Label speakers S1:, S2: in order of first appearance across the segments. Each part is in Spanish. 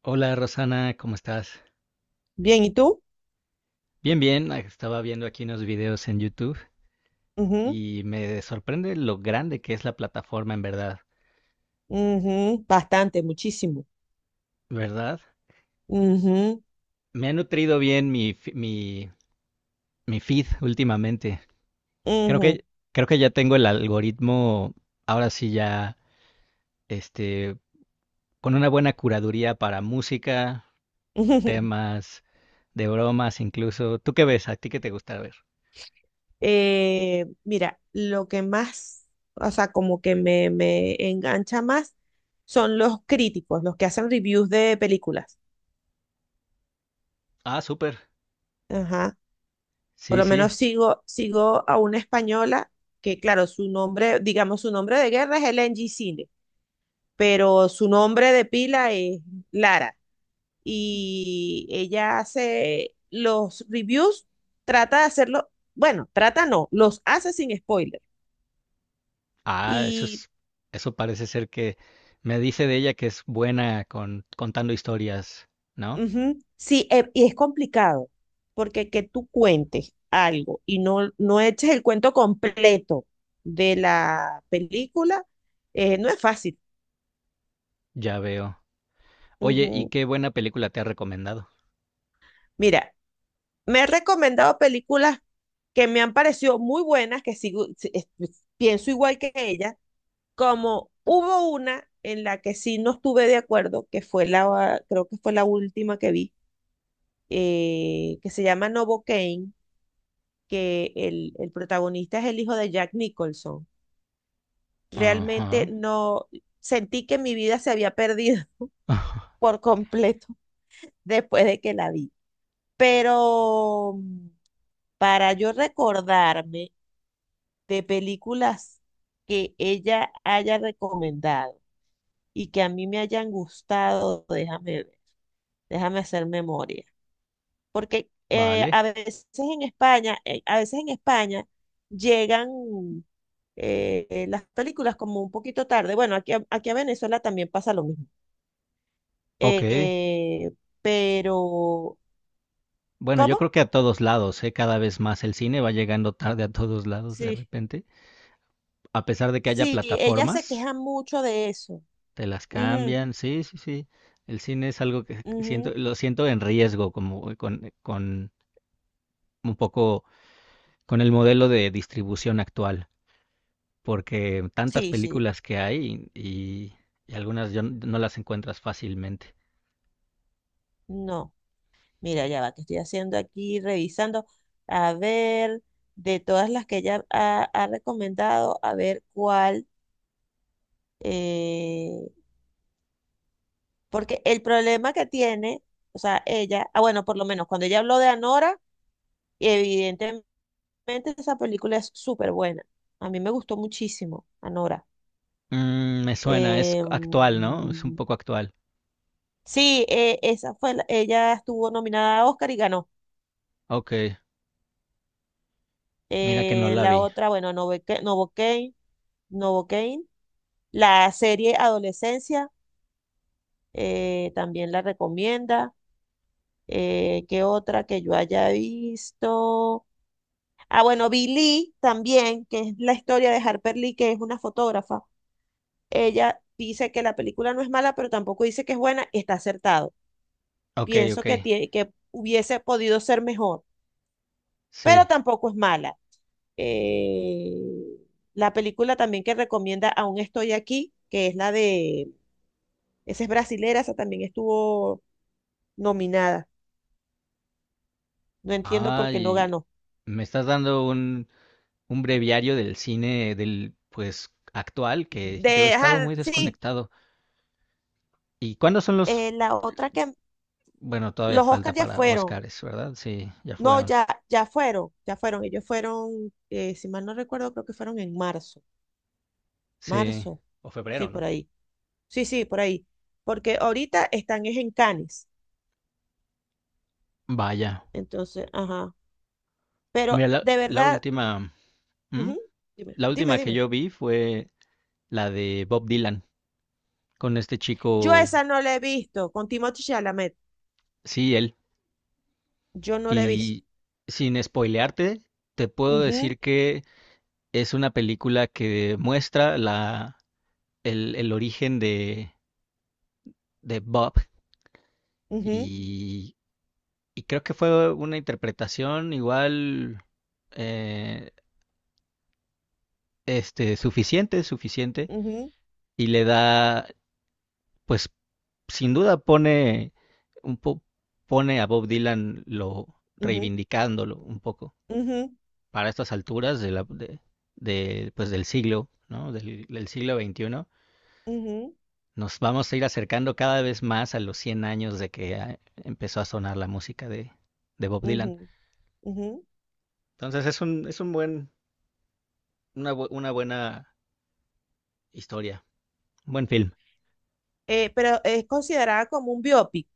S1: Hola Rosana, ¿cómo estás?
S2: Bien, ¿y tú?
S1: Bien, bien, estaba viendo aquí unos videos en YouTube
S2: Ujú,
S1: y me sorprende lo grande que es la plataforma en verdad,
S2: ujú, bastante, muchísimo.
S1: ¿verdad?
S2: Ujú,
S1: Me ha nutrido bien mi feed últimamente. Creo
S2: ujú,
S1: que, creo que ya tengo el algoritmo, ahora sí ya, este, con una buena curaduría para música, temas, de bromas incluso. ¿Tú qué ves? ¿A ti qué te gusta ver?
S2: Mira, lo que más, o sea, como que me engancha más son los críticos, los que hacen reviews de películas.
S1: Ah, súper.
S2: Ajá. Por
S1: Sí,
S2: lo
S1: sí.
S2: menos sigo a una española que, claro, su nombre de guerra es LNG Cine, pero su nombre de pila es Lara. Y ella hace los reviews, trata de hacerlo, bueno, trata no, los hace sin spoiler.
S1: Ah, eso
S2: Y
S1: es, eso parece ser que me dice de ella que es buena con contando historias, ¿no?
S2: ujú, sí, y es complicado, porque que tú cuentes algo y no eches el cuento completo de la película, no es fácil.
S1: Ya veo. Oye, ¿y
S2: Ujú.
S1: qué buena película te ha recomendado?
S2: Mira, me he recomendado películas que me han parecido muy buenas, que sigo, pienso igual que ella, como hubo una en la que sí no estuve de acuerdo, que fue la, creo que fue la última que vi, que se llama Novocaine, que el protagonista es el hijo de Jack Nicholson. Realmente
S1: Ajá.
S2: no sentí que mi vida se había perdido por completo después de que la vi. Pero para yo recordarme de películas que ella haya recomendado y que a mí me hayan gustado, déjame hacer memoria. Porque
S1: Vale.
S2: a veces en España llegan las películas como un poquito tarde. Bueno, aquí a Venezuela también pasa lo mismo.
S1: Ok.
S2: Eh, pero,
S1: Bueno, yo
S2: ¿cómo?
S1: creo que a todos lados, ¿eh? Cada vez más el cine va llegando tarde a todos lados de
S2: Sí,
S1: repente. A pesar de que haya
S2: sí, ella se
S1: plataformas,
S2: queja mucho de eso.
S1: te las
S2: Ujú,
S1: cambian. Sí, sí, sí. El cine es algo que siento,
S2: ujú.
S1: lo siento en riesgo, como con un poco con el modelo de distribución actual, porque tantas
S2: Sí, sí,
S1: películas que hay y algunas yo no las encuentras fácilmente.
S2: no. Mira, ya va, que estoy haciendo aquí, revisando. A ver, de todas las que ella ha recomendado, a ver cuál. Eh, porque el problema que tiene, bueno, por lo menos cuando ella habló de Anora, evidentemente esa película es súper buena. A mí me gustó muchísimo, Anora.
S1: Mm, me suena, es
S2: Eh,
S1: actual, ¿no? Es un poco actual.
S2: sí, esa fue, ella estuvo nominada a Oscar y ganó.
S1: Ok, mira que no la
S2: La
S1: vi.
S2: otra, bueno, Novocaine. La serie Adolescencia, también la recomienda. ¿Qué otra que yo haya visto? Ah, bueno, Billy también, que es la historia de Harper Lee, que es una fotógrafa. Ella dice que la película no es mala, pero tampoco dice que es buena, está acertado.
S1: Ok,
S2: Pienso
S1: ok,
S2: que, que hubiese podido ser mejor, pero
S1: sí.
S2: tampoco es mala. Eh, la película también que recomienda Aún estoy aquí, que es la de, esa es brasilera, esa también estuvo nominada. No entiendo por qué no
S1: Ay,
S2: ganó.
S1: me estás dando un breviario del cine del, pues, actual, que yo he
S2: De,
S1: estado
S2: ah,
S1: muy
S2: sí,
S1: desconectado. ¿Y cuándo son los...?
S2: la otra que
S1: Bueno, todavía
S2: los
S1: falta
S2: Oscars ya
S1: para
S2: fueron.
S1: Óscares, ¿verdad? Sí, ya
S2: No,
S1: fueron.
S2: ya, ya fueron, ya fueron. Ellos fueron, si mal no recuerdo, creo que fueron en marzo.
S1: Sí.
S2: Marzo,
S1: O febrero,
S2: sí, por
S1: ¿no?
S2: ahí. Sí, sí, por ahí. Porque ahorita están es en Cannes.
S1: Vaya.
S2: Entonces, ajá.
S1: Mira,
S2: Pero de
S1: la
S2: verdad,
S1: última... ¿Mm?
S2: ujú, dime,
S1: La
S2: dime,
S1: última que
S2: dime.
S1: yo vi fue la de Bob Dylan, con este
S2: Yo
S1: chico,
S2: esa no la he visto con Timothée Chalamet.
S1: sí, él.
S2: Yo no la he visto.
S1: Y sin spoilearte, te puedo
S2: Ujú,
S1: decir que es una película que muestra el origen de Bob.
S2: ujú,
S1: Y, y creo que fue una interpretación igual eh, suficiente, suficiente.
S2: ujú,
S1: Y le da, pues, sin duda pone un po- pone a Bob Dylan lo
S2: ujú,
S1: reivindicándolo un poco
S2: ujú,
S1: para estas alturas de, pues, del siglo, ¿no? Del siglo 21.
S2: ujú,
S1: Nos vamos a ir acercando cada vez más a los 100 años de que empezó a sonar la música de Bob
S2: ujú,
S1: Dylan.
S2: ujú.
S1: Entonces es un buen, una, una buena historia, un buen film.
S2: Pero es considerada como un biopic.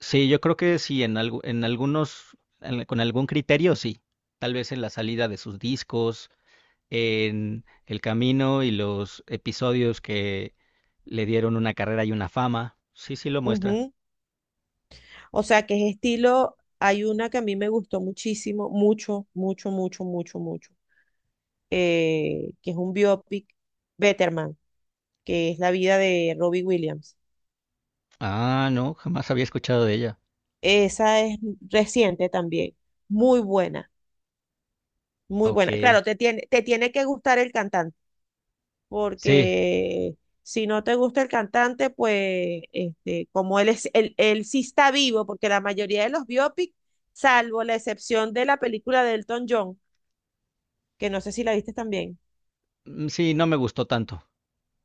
S1: Sí, yo creo que sí, en algunos, con algún criterio sí. Tal vez en la salida de sus discos, en el camino y los episodios que le dieron una carrera y una fama. Sí, sí lo muestra.
S2: Ujú. O sea, que es estilo, hay una que a mí me gustó muchísimo, mucho, mucho, mucho, mucho, mucho, que es un biopic, Betterman, que es la vida de Robbie Williams.
S1: Ah, no, jamás había escuchado de ella.
S2: Esa es reciente también, muy buena, muy
S1: Ok.
S2: buena. Claro, te tiene que gustar el cantante,
S1: Sí,
S2: porque si no te gusta el cantante, pues este, como él es, él sí está vivo, porque la mayoría de los biopics, salvo la excepción de la película de Elton John, que no sé si la viste también.
S1: sí, no me gustó tanto.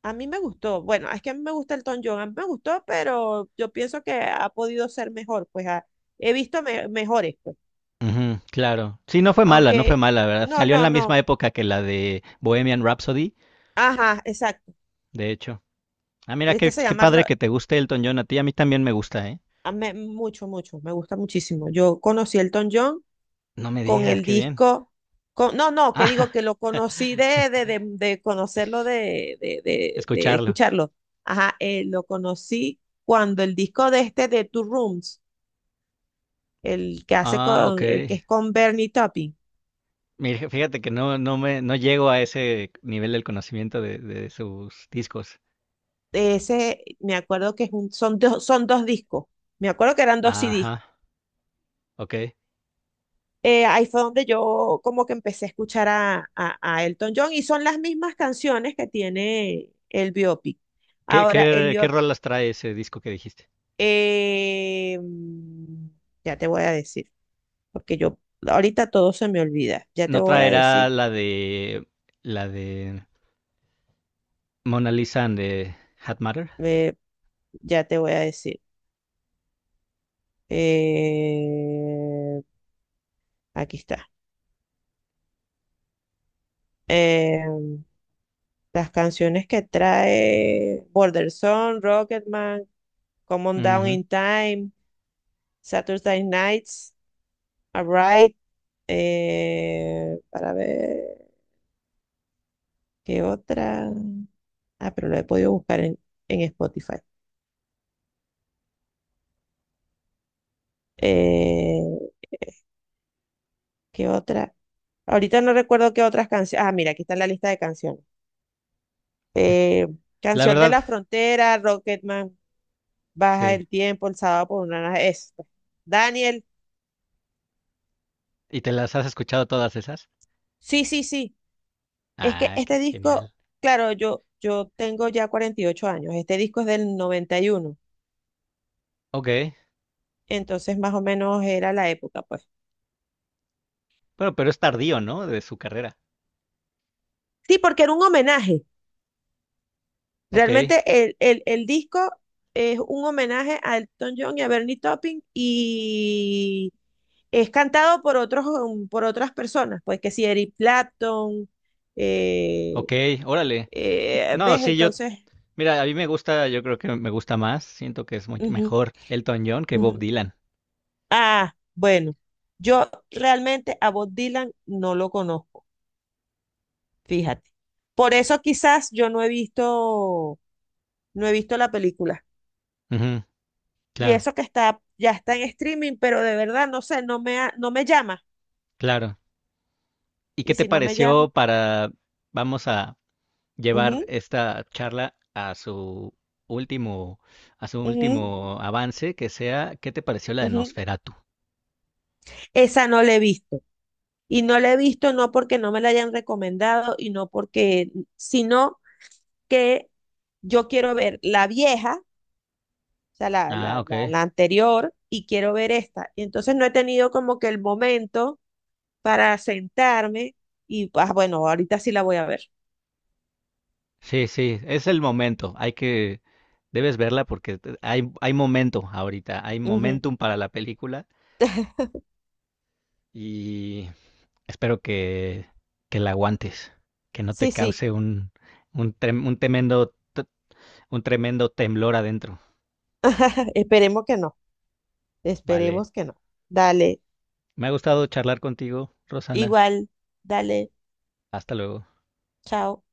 S2: A mí me gustó, bueno, es que a mí me gusta el Tom John, a mí me gustó, pero yo pienso que ha podido ser mejor, he visto mejores, pues.
S1: Ujú, claro. Sí, no fue mala, no fue
S2: Aunque,
S1: mala, ¿verdad?
S2: no,
S1: Salió en
S2: no,
S1: la misma
S2: no,
S1: época que la de Bohemian Rhapsody,
S2: ajá, exacto.
S1: de hecho. Ah, mira,
S2: Este
S1: qué,
S2: se
S1: qué
S2: llama,
S1: padre que te guste Elton John. A ti, a mí también me gusta, ¿eh?
S2: mucho, mucho, me gusta muchísimo. Yo conocí el Tom John
S1: No me
S2: con
S1: digas,
S2: el
S1: qué bien.
S2: disco, con, no, no, que digo
S1: Ah,
S2: que lo conocí de conocerlo, de
S1: escucharlo.
S2: escucharlo. Ajá, lo conocí cuando el disco de Two Rooms, el que hace
S1: Ah, ok.
S2: con, el que es con Bernie Taupin.
S1: Mira, fíjate que no, no me, no llego a ese nivel del conocimiento de sus discos.
S2: Ese, me acuerdo que es son dos discos. Me acuerdo que eran dos CDs.
S1: Ajá, ok.
S2: Ahí fue donde yo como que empecé a escuchar a Elton John, y son las mismas canciones que tiene el biopic.
S1: ¿Qué,
S2: Ahora, el
S1: qué, qué
S2: biopic,
S1: rolas trae ese disco que dijiste?
S2: eh, mm, ya te voy a decir, porque yo ahorita todo se me olvida. Ya te
S1: ¿No
S2: voy a
S1: traerá
S2: decir,
S1: la de Mona Lisa and the Hat Matter?
S2: eh, ya te voy a decir. Eh, aquí está. Em, Las canciones que trae: Border Song, Rocketman, Come On Down
S1: Ujú.
S2: in Time, Saturday Nights, Alright, para ver qué otra. Ah, pero lo he podido buscar en Spotify. Eh, ¿Qué otra? Ahorita no recuerdo qué otras canciones. Ah, mira, aquí está la lista de canciones. Eh,
S1: La
S2: Canción de
S1: verdad,
S2: la Frontera, Rocketman, Baja
S1: sí.
S2: el Tiempo, El Sábado por una... Es, pues, Daniel,
S1: ¿Y te las has escuchado todas esas?
S2: sí, sí, sí. Es que
S1: Ah, qué
S2: este disco,
S1: genial.
S2: claro, yo tengo ya 48 años, este disco es del 91,
S1: Ok.
S2: entonces más o menos era la época, pues.
S1: Pero es tardío, ¿no? De su carrera.
S2: Sí, porque era un homenaje.
S1: Ok,
S2: Realmente el disco es un homenaje a Elton John y a Bernie Taupin, y es cantado por otros, por otras personas, pues que si Eric Clapton, eh,
S1: ok, órale. No,
S2: ¿ves?
S1: sí, yo
S2: Entonces,
S1: mira, a mí me gusta, yo creo que me gusta más, siento que es muy
S2: ujú,
S1: mejor Elton John que Bob
S2: ujú.
S1: Dylan.
S2: Ah, bueno, yo realmente a Bob Dylan no lo conozco, fíjate. Por eso quizás yo no he visto, no he visto la película.
S1: Ujú,
S2: Y
S1: claro,
S2: eso que está, ya está en streaming, pero de verdad no sé, no me llama.
S1: claro. ¿Y
S2: Y
S1: qué te
S2: si no me
S1: pareció
S2: llama,
S1: para, vamos a llevar
S2: ujú,
S1: esta charla a último, a su
S2: ujú,
S1: último avance, que sea, ¿qué te pareció la de
S2: ujú.
S1: Nosferatu?
S2: Esa no la he visto. Y no la he visto no porque no me la hayan recomendado y no porque, sino que yo quiero ver la vieja, o sea,
S1: Ah, ok.
S2: la anterior, y quiero ver esta. Y entonces no he tenido como que el momento para sentarme bueno, ahorita sí la voy a ver.
S1: Sí, sí, es el momento, hay que, debes verla porque hay, hay momento ahorita, hay
S2: Ujú.
S1: momentum para la película y espero que la aguantes, que no te
S2: Sí, sí.
S1: cause un tremendo, un tremendo temblor adentro.
S2: Esperemos que no.
S1: Vale.
S2: Esperemos que no. Dale.
S1: Me ha gustado charlar contigo, Rosana.
S2: Igual. Dale.
S1: Hasta luego.
S2: Chao.